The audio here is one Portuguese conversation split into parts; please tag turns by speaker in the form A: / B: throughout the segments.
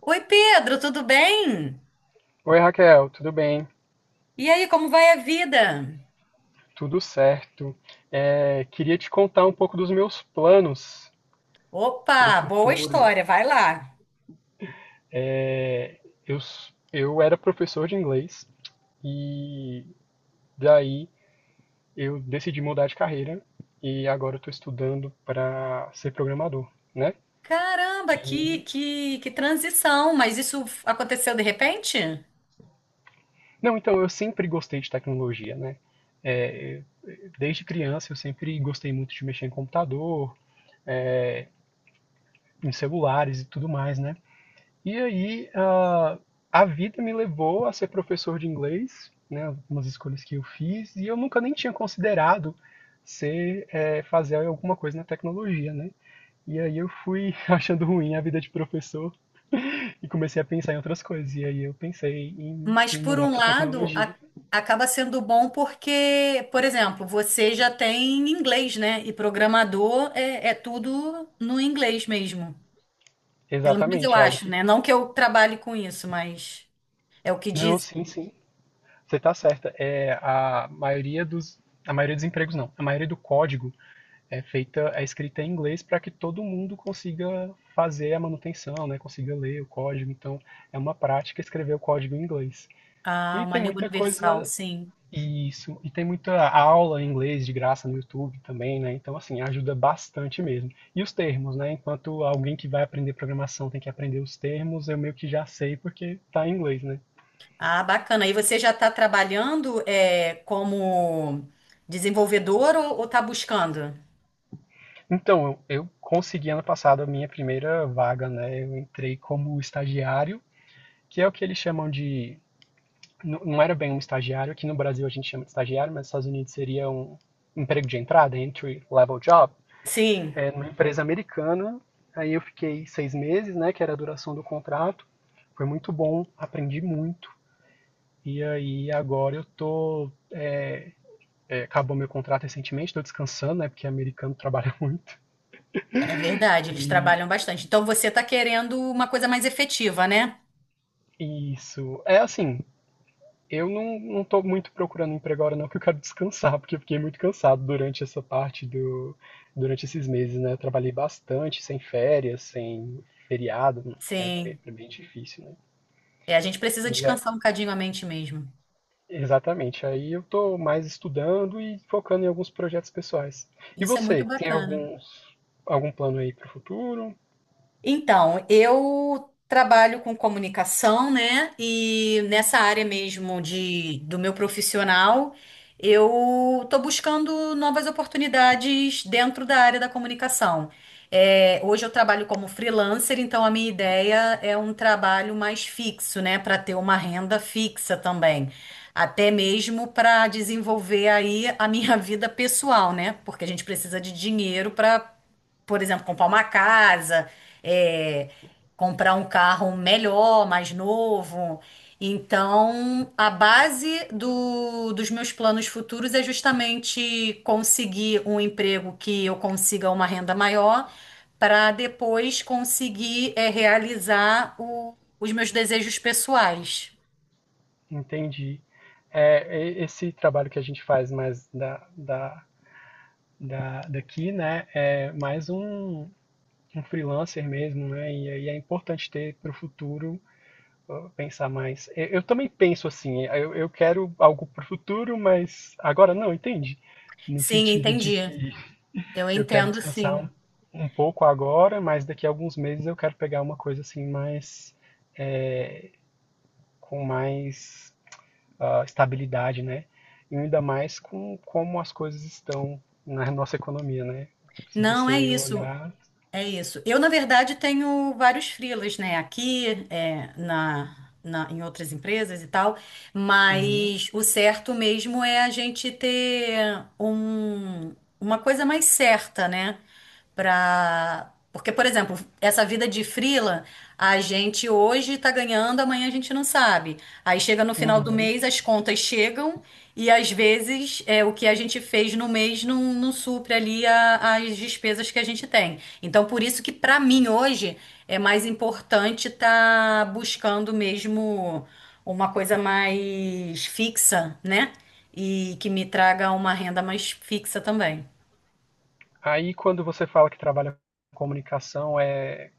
A: Oi, Pedro, tudo bem?
B: Oi Raquel, tudo bem?
A: E aí, como vai a vida?
B: Tudo certo. É, queria te contar um pouco dos meus planos para o
A: Opa, boa
B: futuro.
A: história, vai lá.
B: É, eu era professor de inglês e daí eu decidi mudar de carreira e agora estou estudando para ser programador, né?
A: Caramba, que,
B: E
A: que, que transição, mas isso aconteceu de repente?
B: não, então eu sempre gostei de tecnologia, né? É, eu- Desde criança eu sempre gostei muito de mexer em computador, em celulares e tudo mais, né? E aí, a vida me levou a ser professor de inglês, né, umas escolhas que eu fiz, e eu nunca nem tinha considerado fazer alguma coisa na tecnologia, né? E aí eu fui achando ruim a vida de professor e comecei a pensar em outras coisas. E aí eu pensei em,
A: Mas
B: em
A: por
B: mudar
A: um
B: para
A: lado,
B: tecnologia.
A: acaba sendo bom porque, por exemplo, você já tem inglês, né? E programador é tudo no inglês mesmo. Pelo menos eu
B: Exatamente. Aí,
A: acho, né? Não que eu trabalhe com isso, mas é o que
B: não,
A: diz.
B: sim, sim. Você está certa. É a maioria dos empregos não. A maioria do código é feita, é escrita em inglês para que todo mundo consiga fazer a manutenção, né? Consiga ler o código. Então, é uma prática escrever o código em inglês.
A: Ah,
B: E
A: uma
B: tem
A: língua
B: muita
A: universal,
B: coisa,
A: sim.
B: isso. E tem muita aula em inglês de graça no YouTube também, né? Então, assim, ajuda bastante mesmo. E os termos, né? Enquanto alguém que vai aprender programação tem que aprender os termos, eu meio que já sei porque tá em inglês, né?
A: Ah, bacana. E você já está trabalhando como desenvolvedor ou está buscando?
B: Então, eu consegui ano passado a minha primeira vaga, né? Eu entrei como estagiário, que é o que eles chamam de, não, não era bem um estagiário, aqui no Brasil a gente chama de estagiário, mas nos Estados Unidos seria um emprego de entrada, entry level job,
A: Sim,
B: numa empresa americana. Aí eu fiquei 6 meses, né, que era a duração do contrato. Foi muito bom, aprendi muito. E aí agora acabou meu contrato recentemente, tô descansando, né? Porque americano trabalha muito.
A: é verdade, eles
B: E
A: trabalham bastante. Então você está querendo uma coisa mais efetiva, né?
B: isso. É assim, Eu não tô muito procurando emprego agora, não, que eu quero descansar, porque eu fiquei muito cansado durante essa parte do, durante esses meses, né? Eu trabalhei bastante, sem férias, sem feriado, né? é bem,
A: Sim.
B: é bem difícil, né?
A: É, a gente precisa
B: E é-
A: descansar um bocadinho a mente mesmo.
B: exatamente, aí eu tô mais estudando e focando em alguns projetos pessoais. E
A: Isso é muito
B: você, tem
A: bacana.
B: algum plano aí para o futuro?
A: Então, eu trabalho com comunicação, né? E nessa área mesmo de, do meu profissional, eu estou buscando novas oportunidades dentro da área da comunicação. É, hoje eu trabalho como freelancer, então a minha ideia é um trabalho mais fixo, né? Para ter uma renda fixa também. Até mesmo para desenvolver aí a minha vida pessoal, né? Porque a gente precisa de dinheiro, por exemplo, comprar uma casa, é, comprar um carro melhor, mais novo. Então, a base dos meus planos futuros é justamente conseguir um emprego que eu consiga uma renda maior, para depois conseguir, realizar os meus desejos pessoais.
B: Entendi. Esse trabalho que a gente faz mais daqui, né? É mais um freelancer mesmo, né? E aí é importante ter para o futuro pensar mais. Eu também penso assim, eu quero algo para o futuro, mas agora não, entende? No
A: Sim,
B: sentido de
A: entendi.
B: que
A: Eu
B: eu quero
A: entendo,
B: descansar
A: sim.
B: um pouco agora, mas daqui a alguns meses eu quero pegar uma coisa assim mais com mais estabilidade, né? E ainda mais como as coisas estão na nossa economia, né? Se
A: Não é
B: você
A: isso.
B: olhar,
A: É isso. Eu, na verdade, tenho vários freelas, né? Aqui, em outras empresas e tal,
B: uhum,
A: mas o certo mesmo é a gente ter uma coisa mais certa, né? Pra... Porque, por exemplo, essa vida de freela, a gente hoje tá ganhando, amanhã a gente não sabe. Aí chega no final do
B: uhum.
A: mês, as contas chegam e às vezes o que a gente fez no mês não supre ali as despesas que a gente tem. Então, por isso que para mim hoje é mais importante estar buscando mesmo uma coisa mais fixa, né? E que me traga uma renda mais fixa também.
B: Aí, quando você fala que trabalha com comunicação, é,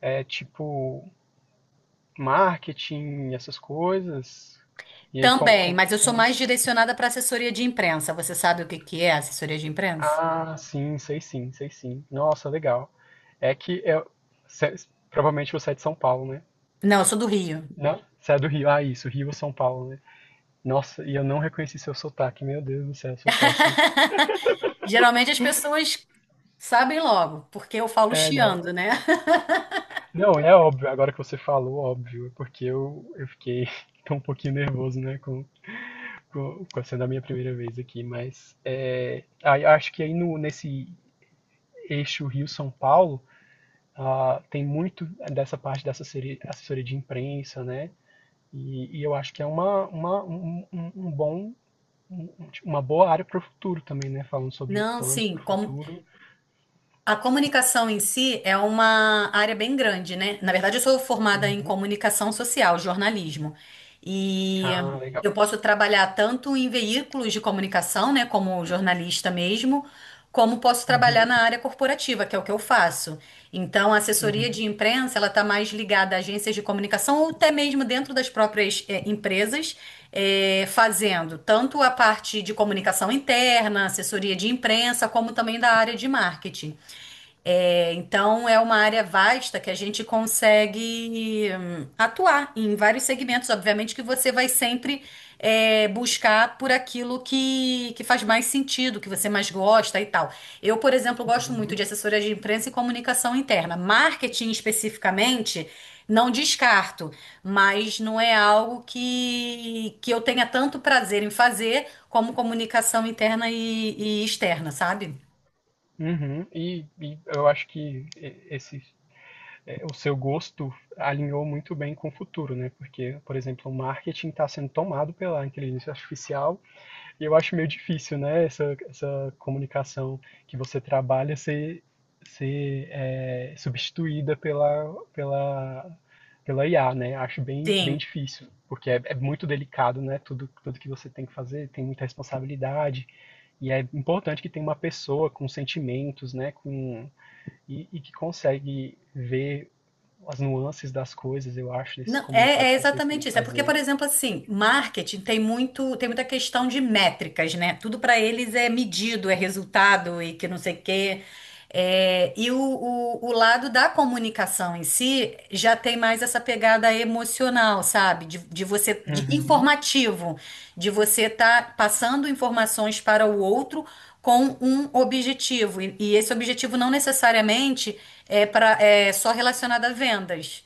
B: é tipo marketing, essas coisas? E aí,
A: Também, mas eu sou
B: como
A: mais
B: isso?
A: direcionada para assessoria de imprensa. Você sabe o que que é assessoria de imprensa?
B: Ah, sim, sei sim, sei sim. Nossa, legal. É que é, cê- provavelmente você é de São Paulo, né?
A: Não, eu sou do Rio.
B: Não? Você é do Rio? Ah, isso, Rio ou São Paulo, né? Nossa, e eu não reconheci seu sotaque, meu Deus do céu, eu sou péssimo.
A: Geralmente as pessoas sabem logo, porque eu falo
B: É,
A: chiando,
B: não.
A: né?
B: Não, é óbvio, agora que você falou, óbvio, é porque eu fiquei tão um pouquinho nervoso, né, com sendo a minha primeira vez aqui, mas aí acho que aí no, nesse eixo Rio-São Paulo tem muito dessa parte da assessoria, assessoria de imprensa, né? E eu acho que é uma, um, um um um bom, tipo, uma boa área para o futuro também, né? Falando sobre
A: Não,
B: planos
A: sim,
B: para o
A: como,
B: futuro.
A: a comunicação em si é uma área bem grande, né? Na verdade, eu sou formada em
B: Uhum.
A: comunicação social, jornalismo. E
B: Ah, legal.
A: eu posso trabalhar tanto em veículos de comunicação, né, como jornalista mesmo, como posso trabalhar
B: Uhum,
A: na área corporativa, que é o que eu faço. Então, a assessoria
B: uhum,
A: de imprensa, ela está mais ligada a agências de comunicação ou até mesmo dentro das próprias, empresas, fazendo tanto a parte de comunicação interna, assessoria de imprensa, como também da área de marketing. É, então, é uma área vasta que a gente consegue atuar em vários segmentos. Obviamente que você vai sempre buscar por aquilo que faz mais sentido, que você mais gosta e tal. Eu, por exemplo, gosto muito de
B: uhum,
A: assessoria de imprensa e comunicação interna. Marketing especificamente, não descarto, mas não é algo que eu tenha tanto prazer em fazer como comunicação interna e externa, sabe?
B: uhum. E eu acho que esse o seu gosto alinhou muito bem com o futuro, né? Porque, por exemplo, o marketing está sendo tomado pela inteligência artificial e eu acho meio difícil, né? Essa comunicação que você trabalha ser substituída pela IA, né? Acho bem, bem
A: Sim.
B: difícil, porque é muito delicado, né? Tudo que você tem que fazer tem muita responsabilidade. E é importante que tenha uma pessoa com sentimentos, né, e que consegue ver as nuances das coisas, eu acho, desses
A: Não, é
B: comunicados que vocês têm
A: exatamente
B: que
A: isso. É porque, por
B: fazer.
A: exemplo, assim, marketing tem muita questão de métricas, né? Tudo para eles é medido, é resultado e que não sei o quê. É, e o lado da comunicação em si já tem mais essa pegada emocional, sabe? De você, de
B: Uhum,
A: informativo, de você estar passando informações para o outro com um objetivo. E esse objetivo não necessariamente é só relacionado a vendas.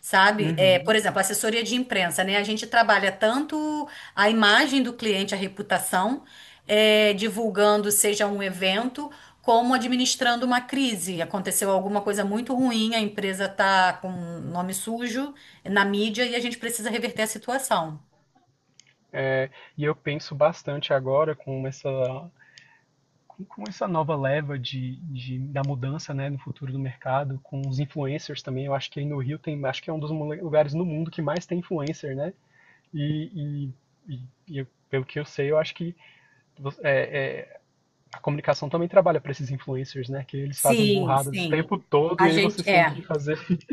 A: Sabe? É,
B: uhum.
A: por exemplo, assessoria de imprensa, né? A gente trabalha tanto a imagem do cliente, a reputação, divulgando, seja um evento, como administrando uma crise. Aconteceu alguma coisa muito ruim, a empresa está com nome sujo na mídia e a gente precisa reverter a situação.
B: E eu penso bastante agora com essa nova leva da mudança, né, no futuro do mercado, com os influencers também. Eu acho que aí no Rio tem, acho que é um dos lugares no mundo que mais tem influencer, né? E, e- e pelo que eu sei, eu acho que é- é, a comunicação também trabalha para esses influencers, né? Que eles fazem
A: Sim,
B: burradas o
A: sim.
B: tempo todo
A: A
B: e aí
A: gente
B: vocês têm que
A: é,
B: fazer,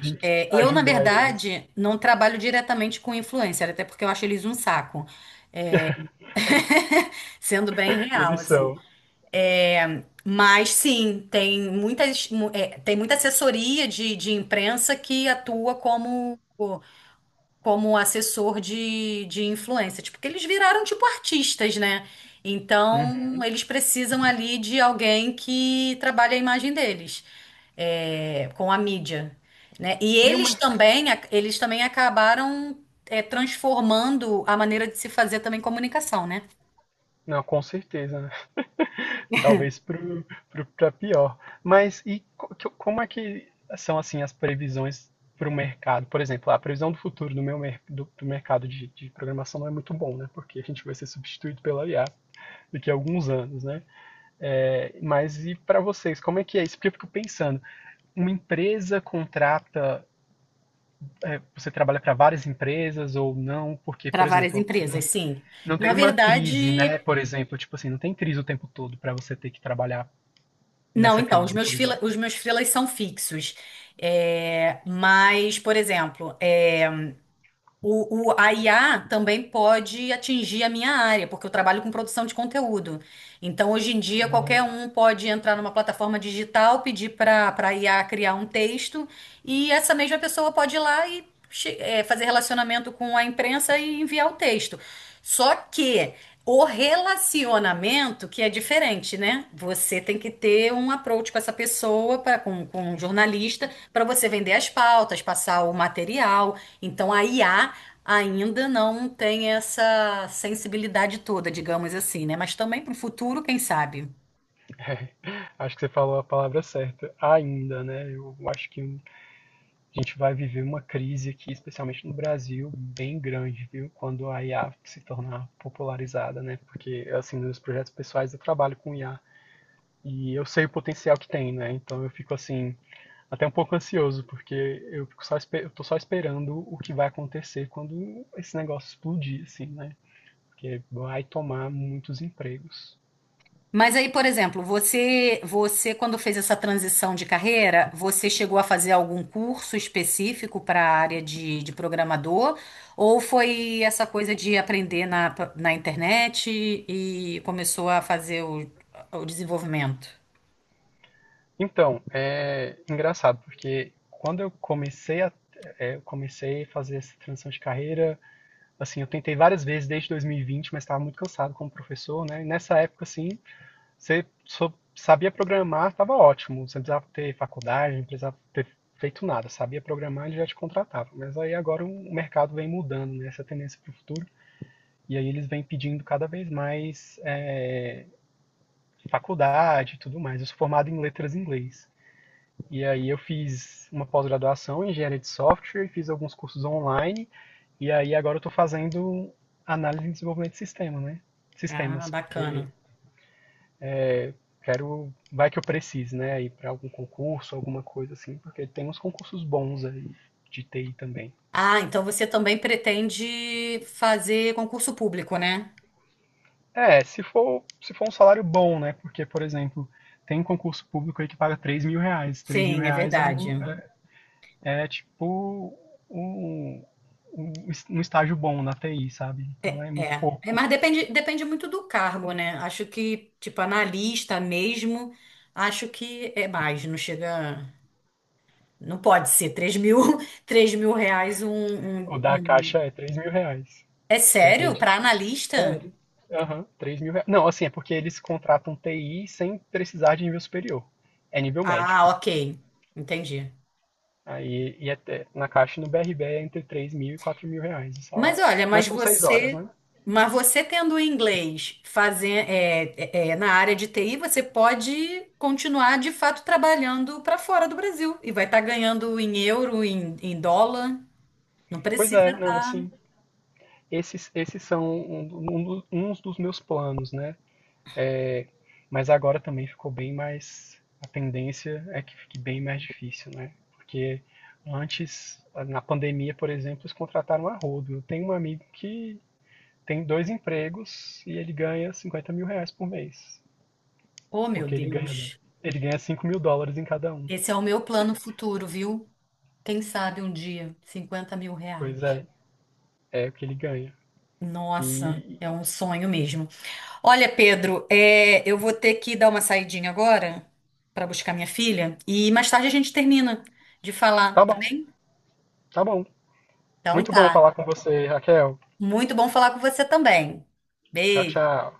B: tem que
A: É, eu, na
B: ajudar eles.
A: verdade, não trabalho diretamente com influencer, até porque eu acho eles um saco, sendo bem real,
B: Eles
A: assim.
B: são.
A: É, mas sim, tem muita assessoria de imprensa que atua como, como assessor de influência, tipo, porque eles viraram tipo artistas, né? Então,
B: Uhum.
A: eles precisam ali de alguém que trabalhe a imagem deles, com a mídia, né? E
B: E o
A: eles
B: mercado.
A: também, eles também acabaram, transformando a maneira de se fazer também comunicação, né?
B: Não, com certeza, né? Talvez pra pior. Mas e como é que são assim as previsões para o mercado? Por exemplo, a previsão do futuro do mercado de programação não é muito bom, né? Porque a gente vai ser substituído pela IA daqui a alguns anos, né? É, mas e para vocês, como é que é isso? Porque eu fico pensando, uma empresa contrata. Você trabalha para várias empresas ou não? Porque,
A: Para
B: por
A: várias
B: exemplo, um
A: empresas, sim.
B: Não
A: Na
B: tem uma crise,
A: verdade,
B: né? Por exemplo, tipo assim, não tem crise o tempo todo pra você ter que trabalhar
A: não,
B: nessa
A: então, os
B: crise,
A: meus
B: por
A: freela,
B: exemplo.
A: os meus freelas são fixos. É, mas, por exemplo, a IA também pode atingir a minha área, porque eu trabalho com produção de conteúdo. Então, hoje em dia, qualquer um pode entrar numa plataforma digital, pedir para a IA criar um texto, e essa mesma pessoa pode ir lá e fazer relacionamento com a imprensa e enviar o texto. Só que o relacionamento que é diferente, né? Você tem que ter um approach com essa pessoa, com um jornalista, para você vender as pautas, passar o material. Então, a IA ainda não tem essa sensibilidade toda, digamos assim, né? Mas também para o futuro, quem sabe?
B: Acho que você falou a palavra certa. Ainda, né? Eu acho que a gente vai viver uma crise aqui, especialmente no Brasil, bem grande, viu? Quando a IA se tornar popularizada, né? Porque, assim, nos projetos pessoais eu trabalho com IA e eu sei o potencial que tem, né? Então eu fico assim, até um pouco ansioso, porque eu tô só esperando o que vai acontecer quando esse negócio explodir, assim, né? Porque vai tomar muitos empregos.
A: Mas aí, por exemplo, você quando fez essa transição de carreira, você chegou a fazer algum curso específico para a área de programador? Ou foi essa coisa de aprender na internet e começou a fazer o desenvolvimento?
B: Então, é engraçado, porque quando eu comecei a fazer essa transição de carreira, assim, eu tentei várias vezes desde 2020, mas estava muito cansado como professor, né? E nessa época, assim, você só sabia programar, estava ótimo, você não precisava ter faculdade, não precisava ter feito nada, sabia programar, ele já te contratava. Mas aí agora o mercado vem mudando, né? Essa tendência para o futuro. E aí eles vêm pedindo cada vez mais faculdade e tudo mais. Eu sou formado em letras em inglês. E aí eu fiz uma pós-graduação em engenharia de software, fiz alguns cursos online, e aí agora eu estou fazendo análise e desenvolvimento de sistema, né?
A: Ah,
B: Sistemas, porque
A: bacana.
B: quero, vai que eu precise, né? Ir para algum concurso, alguma coisa assim, porque tem uns concursos bons aí de TI também.
A: Ah, então você também pretende fazer concurso público, né?
B: É, se for um salário bom, né? Porque, por exemplo, tem um concurso público aí que paga R$ 3.000. três mil
A: Sim, é
B: reais
A: verdade.
B: é É tipo um, um, um estágio bom na TI, sabe? Então
A: É.
B: é muito
A: É,
B: pouco.
A: mas depende, depende muito do cargo, né? Acho que, tipo, analista mesmo, acho que é mais, não chega. Não pode ser 3 mil, 3 mil reais um,
B: O da Caixa é R$ 3.000.
A: É
B: Você
A: sério? Para
B: acredita?
A: analista?
B: Sério? Aham, R$ 3.000. Não, assim, é porque eles contratam TI sem precisar de nível superior. É nível médio.
A: Ah, ok. Entendi.
B: Aí, e até, na Caixa e no BRB é entre R$ 3.000 e R$ 4.000 de
A: Mas
B: salário.
A: olha,
B: Mas
A: mas
B: são 6 horas,
A: você,
B: né?
A: mas você tendo o inglês fazer, na área de TI, você pode continuar de fato trabalhando para fora do Brasil e vai estar ganhando em euro, em dólar. Não
B: Pois
A: precisa
B: é, não,
A: tá...
B: assim, esses são uns dos meus planos, né? Mas agora também ficou bem mais. A tendência é que fique bem mais difícil, né? Porque antes, na pandemia, por exemplo, eles contrataram a rodo. Eu tenho um amigo que tem dois empregos e ele ganha R$ 50.000 por mês.
A: Oh, meu
B: Porque ele ganha,
A: Deus.
B: ele ganha US$ 5.000 em cada um.
A: Esse é o meu plano futuro, viu? Quem sabe um dia, 50 mil
B: Pois
A: reais.
B: é, é o que ele ganha.
A: Nossa,
B: E
A: é um sonho mesmo. Olha, Pedro, eu vou ter que dar uma saidinha agora para buscar minha filha e mais tarde a gente termina de
B: tá
A: falar, tá
B: bom,
A: bem?
B: tá bom.
A: Então
B: Muito bom
A: tá.
B: falar com você, Raquel.
A: Muito bom falar com você também.
B: Tchau,
A: Beijo.
B: tchau.